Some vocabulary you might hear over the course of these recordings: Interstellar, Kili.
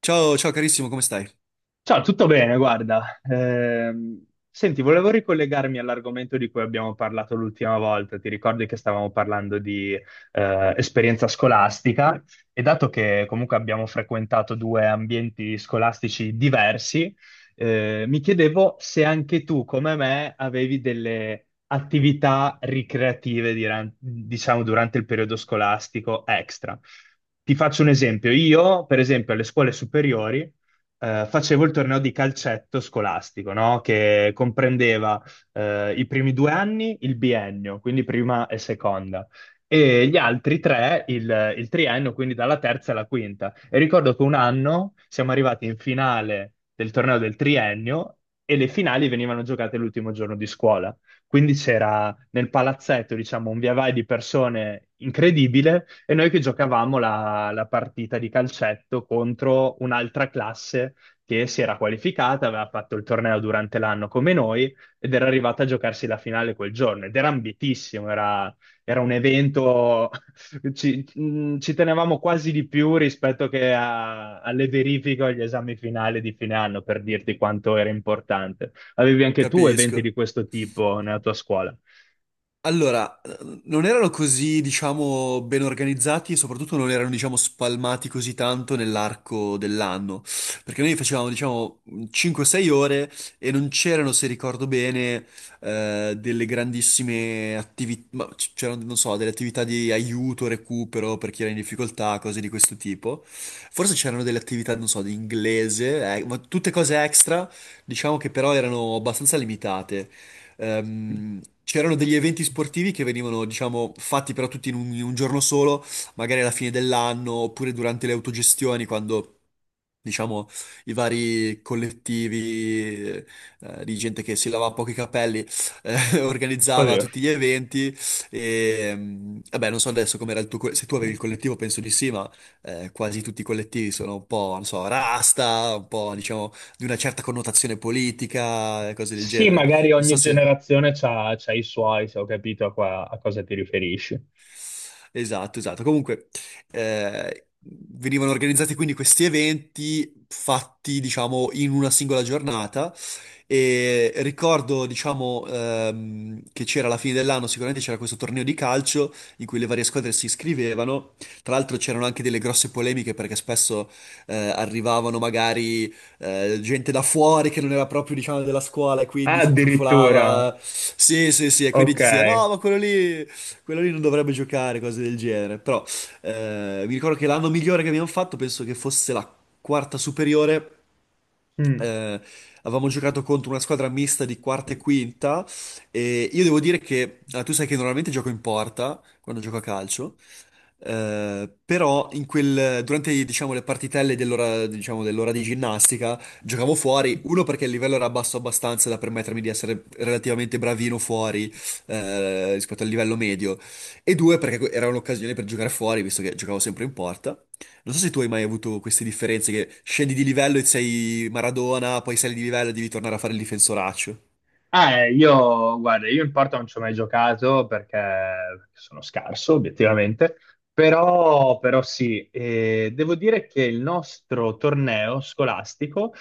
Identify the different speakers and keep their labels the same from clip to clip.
Speaker 1: Ciao, ciao carissimo, come stai?
Speaker 2: Ciao, tutto bene, guarda. Senti, volevo ricollegarmi all'argomento di cui abbiamo parlato l'ultima volta. Ti ricordi che stavamo parlando di esperienza scolastica e dato che comunque abbiamo frequentato due ambienti scolastici diversi, mi chiedevo se anche tu, come me, avevi delle attività ricreative, diciamo, durante il periodo scolastico extra. Ti faccio un esempio. Io, per esempio, alle scuole superiori facevo il torneo di calcetto scolastico, no? Che comprendeva i primi due anni il biennio, quindi prima e seconda, e gli altri tre il triennio, quindi dalla terza alla quinta. E ricordo che un anno siamo arrivati in finale del torneo del triennio e le finali venivano giocate l'ultimo giorno di scuola. Quindi c'era nel palazzetto, diciamo, un via vai di persone incredibile e noi che giocavamo la partita di calcetto contro un'altra classe che si era qualificata, aveva fatto il torneo durante l'anno come noi ed era arrivata a giocarsi la finale quel giorno ed era ambitissimo, era, era un evento. Ci tenevamo quasi di più rispetto che alle verifiche o agli esami finali di fine anno, per dirti quanto era importante. Avevi anche tu eventi di
Speaker 1: Capisco.
Speaker 2: questo tipo nella tua scuola?
Speaker 1: Allora, non erano così, diciamo, ben organizzati e soprattutto non erano, diciamo, spalmati così tanto nell'arco dell'anno, perché noi facevamo, diciamo, 5-6 ore e non c'erano, se ricordo bene, delle grandissime attività, c'erano, non so, delle attività di aiuto, recupero per chi era in difficoltà, cose di questo tipo. Forse c'erano delle attività, non so, di inglese, ma tutte cose extra, diciamo che però erano abbastanza limitate. C'erano degli eventi sportivi che venivano, diciamo, fatti però tutti in un giorno solo, magari alla fine dell'anno oppure durante le autogestioni, quando, diciamo, i vari collettivi di gente che si lavava poco i capelli organizzava
Speaker 2: Oddio.
Speaker 1: tutti gli eventi. E, vabbè, non so adesso com'era il tuo, se tu avevi il collettivo, penso di sì, ma quasi tutti i collettivi sono un po', non so, rasta, un po', diciamo, di una certa connotazione politica e cose del
Speaker 2: Sì,
Speaker 1: genere.
Speaker 2: magari
Speaker 1: Non
Speaker 2: ogni
Speaker 1: so se...
Speaker 2: generazione c'ha i suoi, se ho capito a, a cosa ti riferisci.
Speaker 1: Esatto, esatto. Comunque, venivano organizzati quindi questi eventi fatti, diciamo, in una singola giornata e ricordo, diciamo, che c'era alla fine dell'anno, sicuramente c'era questo torneo di calcio in cui le varie squadre si iscrivevano. Tra l'altro c'erano anche delle grosse polemiche perché spesso arrivavano magari gente da fuori che non era proprio, diciamo, della scuola e
Speaker 2: Ah,
Speaker 1: quindi si
Speaker 2: addirittura,
Speaker 1: intrufolava. Sì, sì, sì, e quindi
Speaker 2: ok.
Speaker 1: ti si diceva, no, ma quello lì... Quello lì non dovrebbe giocare, cose del genere. Però mi ricordo che l'anno migliore che abbiamo fatto, penso che fosse la quarta superiore.
Speaker 2: Mm.
Speaker 1: eh, Avevamo giocato contro una squadra mista di quarta e quinta. E io devo dire che ah, tu sai che normalmente gioco in porta quando gioco a calcio. Però durante diciamo, le partitelle dell'ora diciamo, dell'ora di ginnastica giocavo fuori, uno perché il livello era basso abbastanza da permettermi di essere relativamente bravino fuori rispetto al livello medio, e due perché era un'occasione per giocare fuori visto che giocavo sempre in porta. Non so se tu hai mai avuto queste differenze che scendi di livello e sei Maradona, poi sali di livello e devi tornare a fare il difensoraccio.
Speaker 2: Ah, io, guarda, io in porta non ci ho mai giocato perché sono scarso, obiettivamente, però sì, devo dire che il nostro torneo scolastico,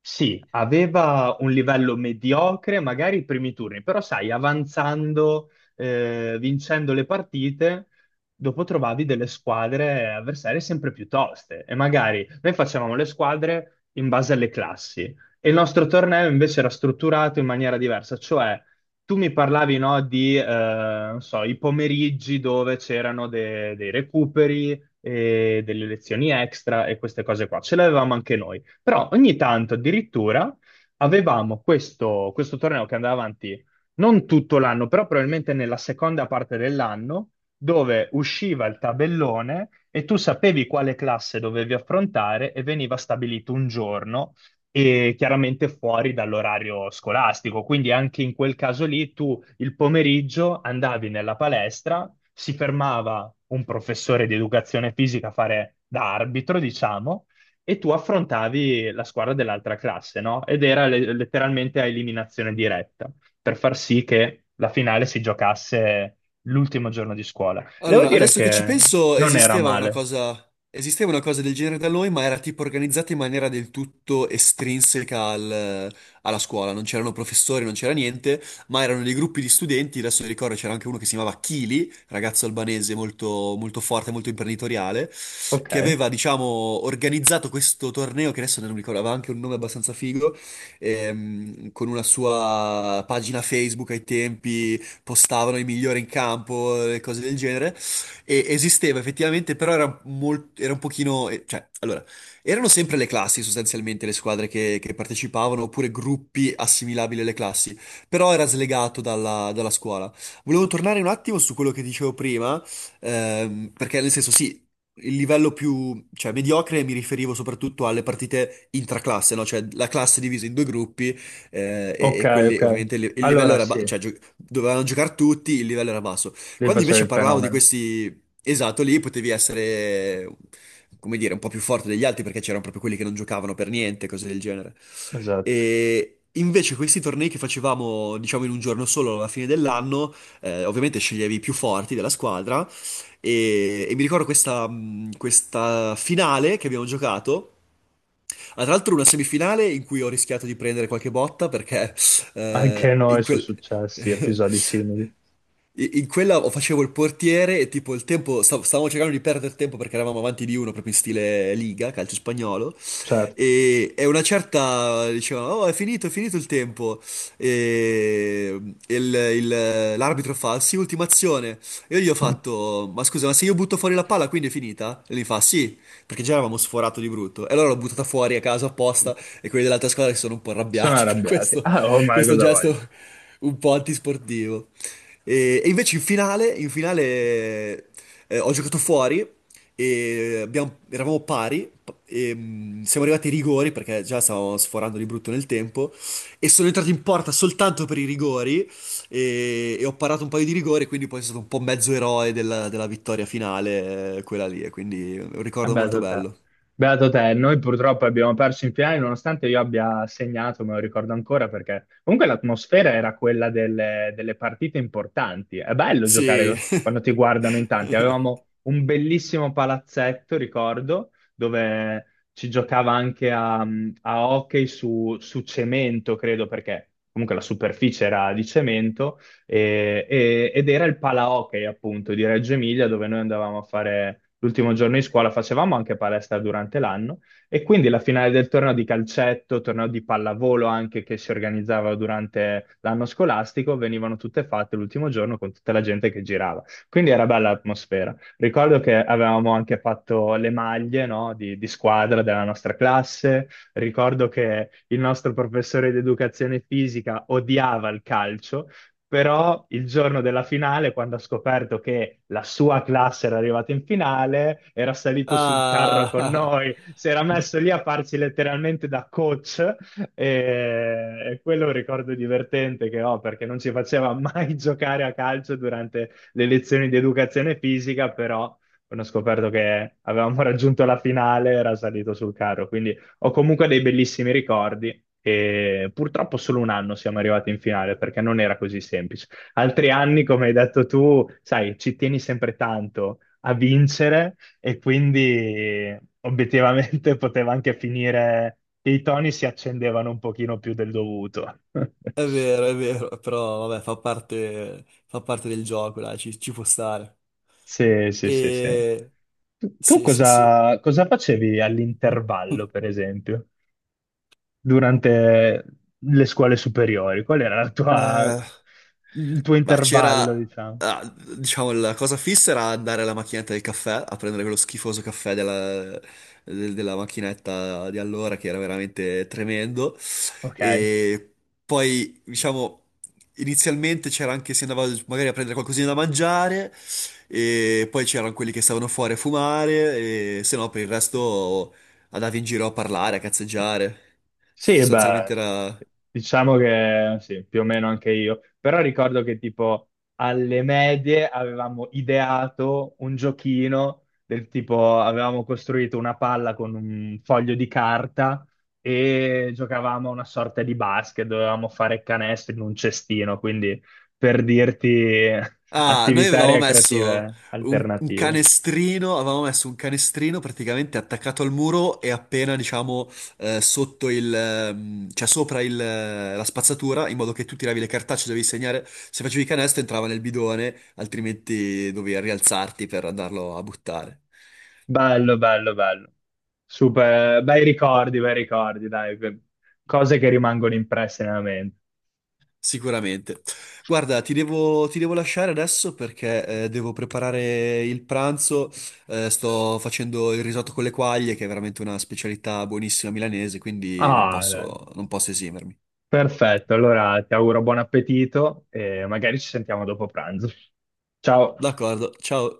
Speaker 2: sì, aveva un livello mediocre, magari i primi turni, però sai, avanzando, vincendo le partite, dopo trovavi delle squadre avversarie sempre più toste, e magari noi facevamo le squadre in base alle classi. E il nostro torneo invece era strutturato in maniera diversa, cioè tu mi parlavi, no, di, non so, i pomeriggi dove c'erano dei recuperi e delle lezioni extra e queste cose qua. Ce le avevamo anche noi. Però ogni tanto addirittura avevamo questo torneo che andava avanti non tutto l'anno, però probabilmente nella seconda parte dell'anno, dove usciva il tabellone e tu sapevi quale classe dovevi affrontare e veniva stabilito un giorno e chiaramente fuori dall'orario scolastico. Quindi anche in quel caso lì tu il pomeriggio andavi nella palestra, si fermava un professore di educazione fisica a fare da arbitro, diciamo, e tu affrontavi la squadra dell'altra classe, no? Ed era letteralmente a eliminazione diretta, per far sì che la finale si giocasse l'ultimo giorno di scuola. E devo
Speaker 1: Allora,
Speaker 2: dire
Speaker 1: adesso che ci
Speaker 2: che
Speaker 1: penso,
Speaker 2: non era male.
Speaker 1: esisteva una cosa del genere da noi, ma era tipo organizzata in maniera del tutto estrinseca alla scuola. Non c'erano professori, non c'era niente, ma erano dei gruppi di studenti. Adesso mi ricordo c'era anche uno che si chiamava Kili, ragazzo albanese molto, molto forte, molto imprenditoriale,
Speaker 2: Ok,
Speaker 1: che aveva, diciamo, organizzato questo torneo, che adesso non mi ricordo, aveva anche un nome abbastanza figo, con una sua pagina Facebook ai tempi postavano i migliori in campo, e cose del genere. E esisteva effettivamente, però era, era un pochino... Cioè, allora, erano sempre le classi sostanzialmente le squadre che partecipavano, oppure gruppi assimilabili alle classi, però era slegato dalla scuola. Volevo tornare un attimo su quello che dicevo prima, perché nel senso sì, il livello più, cioè, mediocre mi riferivo soprattutto alle partite intraclasse, no? Cioè la classe divisa in due gruppi
Speaker 2: ok,
Speaker 1: e quelli,
Speaker 2: ok.
Speaker 1: ovviamente, il livello
Speaker 2: Allora
Speaker 1: era,
Speaker 2: sì,
Speaker 1: cioè, dovevano giocare tutti, il livello era basso.
Speaker 2: lì
Speaker 1: Quando
Speaker 2: facevi
Speaker 1: invece
Speaker 2: il
Speaker 1: parlavo di
Speaker 2: fenomeno.
Speaker 1: questi esatto lì, potevi essere, come dire, un po' più forte degli altri perché c'erano proprio quelli che non giocavano per niente, cose del genere.
Speaker 2: Esatto.
Speaker 1: E invece questi tornei che facevamo, diciamo, in un giorno solo alla fine dell'anno, ovviamente sceglievi i più forti della squadra e mi ricordo questa, questa finale che abbiamo giocato. Ah, tra l'altro una semifinale in cui ho rischiato di prendere qualche botta perché
Speaker 2: Anche a
Speaker 1: in
Speaker 2: noi sono
Speaker 1: quel...
Speaker 2: successi episodi simili,
Speaker 1: In quella o facevo il portiere e tipo il tempo, stavamo cercando di perdere tempo perché eravamo avanti di uno proprio in stile Liga, calcio spagnolo,
Speaker 2: certo.
Speaker 1: e una certa diceva, oh è finito il tempo, e l'arbitro fa, sì, ultima azione, e io gli ho fatto, ma scusa, ma se io butto fuori la palla quindi è finita? E lui fa, sì, perché già eravamo sforato di brutto. E allora l'ho buttata fuori a caso apposta e quelli dell'altra squadra si sono un po'
Speaker 2: Sono
Speaker 1: arrabbiati per
Speaker 2: arrabbiati.
Speaker 1: questo,
Speaker 2: Ah, ormai
Speaker 1: questo
Speaker 2: cosa vogliono?
Speaker 1: gesto un po' antisportivo. E invece in finale ho giocato fuori e eravamo pari e siamo arrivati ai rigori perché già stavamo sforando di brutto nel tempo e sono entrato in porta soltanto per i rigori e ho parato un paio di rigore, quindi poi sono stato un po' mezzo eroe della, della vittoria finale, quella lì, e quindi è un
Speaker 2: Ah,
Speaker 1: ricordo molto
Speaker 2: beato te.
Speaker 1: bello.
Speaker 2: Beato te, noi purtroppo abbiamo perso in finale nonostante io abbia segnato, me lo ricordo ancora perché comunque l'atmosfera era quella delle partite importanti. È bello giocare
Speaker 1: Sì.
Speaker 2: quando ti guardano in tanti. Avevamo un bellissimo palazzetto, ricordo, dove ci giocava anche a hockey su cemento, credo, perché comunque la superficie era di cemento ed era il Pala Hockey, appunto, di Reggio Emilia, dove noi andavamo a fare l'ultimo giorno di scuola, facevamo anche palestra durante l'anno, e quindi la finale del torneo di calcetto, torneo di pallavolo anche, che si organizzava durante l'anno scolastico, venivano tutte fatte l'ultimo giorno con tutta la gente che girava. Quindi era bella l'atmosfera. Ricordo che avevamo anche fatto le maglie, no, di squadra della nostra classe. Ricordo che il nostro professore di educazione fisica odiava il calcio, però il giorno della finale, quando ha scoperto che la sua classe era arrivata in finale, era salito sul carro con
Speaker 1: Ah,
Speaker 2: noi, si era messo lì a farci letteralmente da coach, e quello è un ricordo divertente che ho, perché non ci faceva mai giocare a calcio durante le lezioni di educazione fisica, però quando ho scoperto che avevamo raggiunto la finale era salito sul carro, quindi ho comunque dei bellissimi ricordi e purtroppo solo un anno siamo arrivati in finale perché non era così semplice. Altri anni, come hai detto tu, sai, ci tieni sempre tanto a vincere e quindi obiettivamente poteva anche finire che i toni si accendevano un pochino più del dovuto.
Speaker 1: è vero, però vabbè, fa parte del gioco, dai, ci, ci può stare.
Speaker 2: Sì, sì, sì, sì.
Speaker 1: E...
Speaker 2: Tu
Speaker 1: Sì, sì, sì.
Speaker 2: cosa, cosa facevi all'intervallo, per esempio? Durante le scuole superiori? Qual era la tua,
Speaker 1: Eh,
Speaker 2: il tuo
Speaker 1: ma c'era,
Speaker 2: intervallo, diciamo?
Speaker 1: ah, diciamo, la cosa fissa era andare alla macchinetta del caffè, a prendere quello schifoso caffè della, della macchinetta di allora, che era veramente tremendo.
Speaker 2: Ok.
Speaker 1: E poi, diciamo, inizialmente c'era anche, si andava magari a prendere qualcosina da mangiare, e poi c'erano quelli che stavano fuori a fumare, e se no per il resto andavi in giro a parlare, a cazzeggiare.
Speaker 2: Sì, e
Speaker 1: Sostanzialmente
Speaker 2: beh,
Speaker 1: era...
Speaker 2: diciamo che sì, più o meno anche io, però ricordo che tipo alle medie avevamo ideato un giochino del tipo, avevamo costruito una palla con un foglio di carta e giocavamo a una sorta di basket, dovevamo fare canestri in un cestino, quindi per dirti
Speaker 1: Ah, noi
Speaker 2: attività
Speaker 1: avevamo messo
Speaker 2: creative
Speaker 1: un
Speaker 2: alternative.
Speaker 1: canestrino, avevamo messo un canestrino praticamente attaccato al muro e appena, diciamo, sotto il, cioè sopra il, la spazzatura, in modo che tu tiravi le cartacce, dovevi segnare, se facevi canestro entrava nel bidone, altrimenti dovevi rialzarti per andarlo a buttare.
Speaker 2: Bello, bello, bello. Super, bei ricordi, dai, cose che rimangono impresse nella mente.
Speaker 1: Sicuramente. Guarda, ti devo lasciare adesso perché devo preparare il pranzo. Sto facendo il risotto con le quaglie, che è veramente una specialità buonissima milanese, quindi
Speaker 2: Ah, dai.
Speaker 1: non posso esimermi.
Speaker 2: Perfetto, allora ti auguro buon appetito e magari ci sentiamo dopo pranzo. Ciao.
Speaker 1: D'accordo, ciao.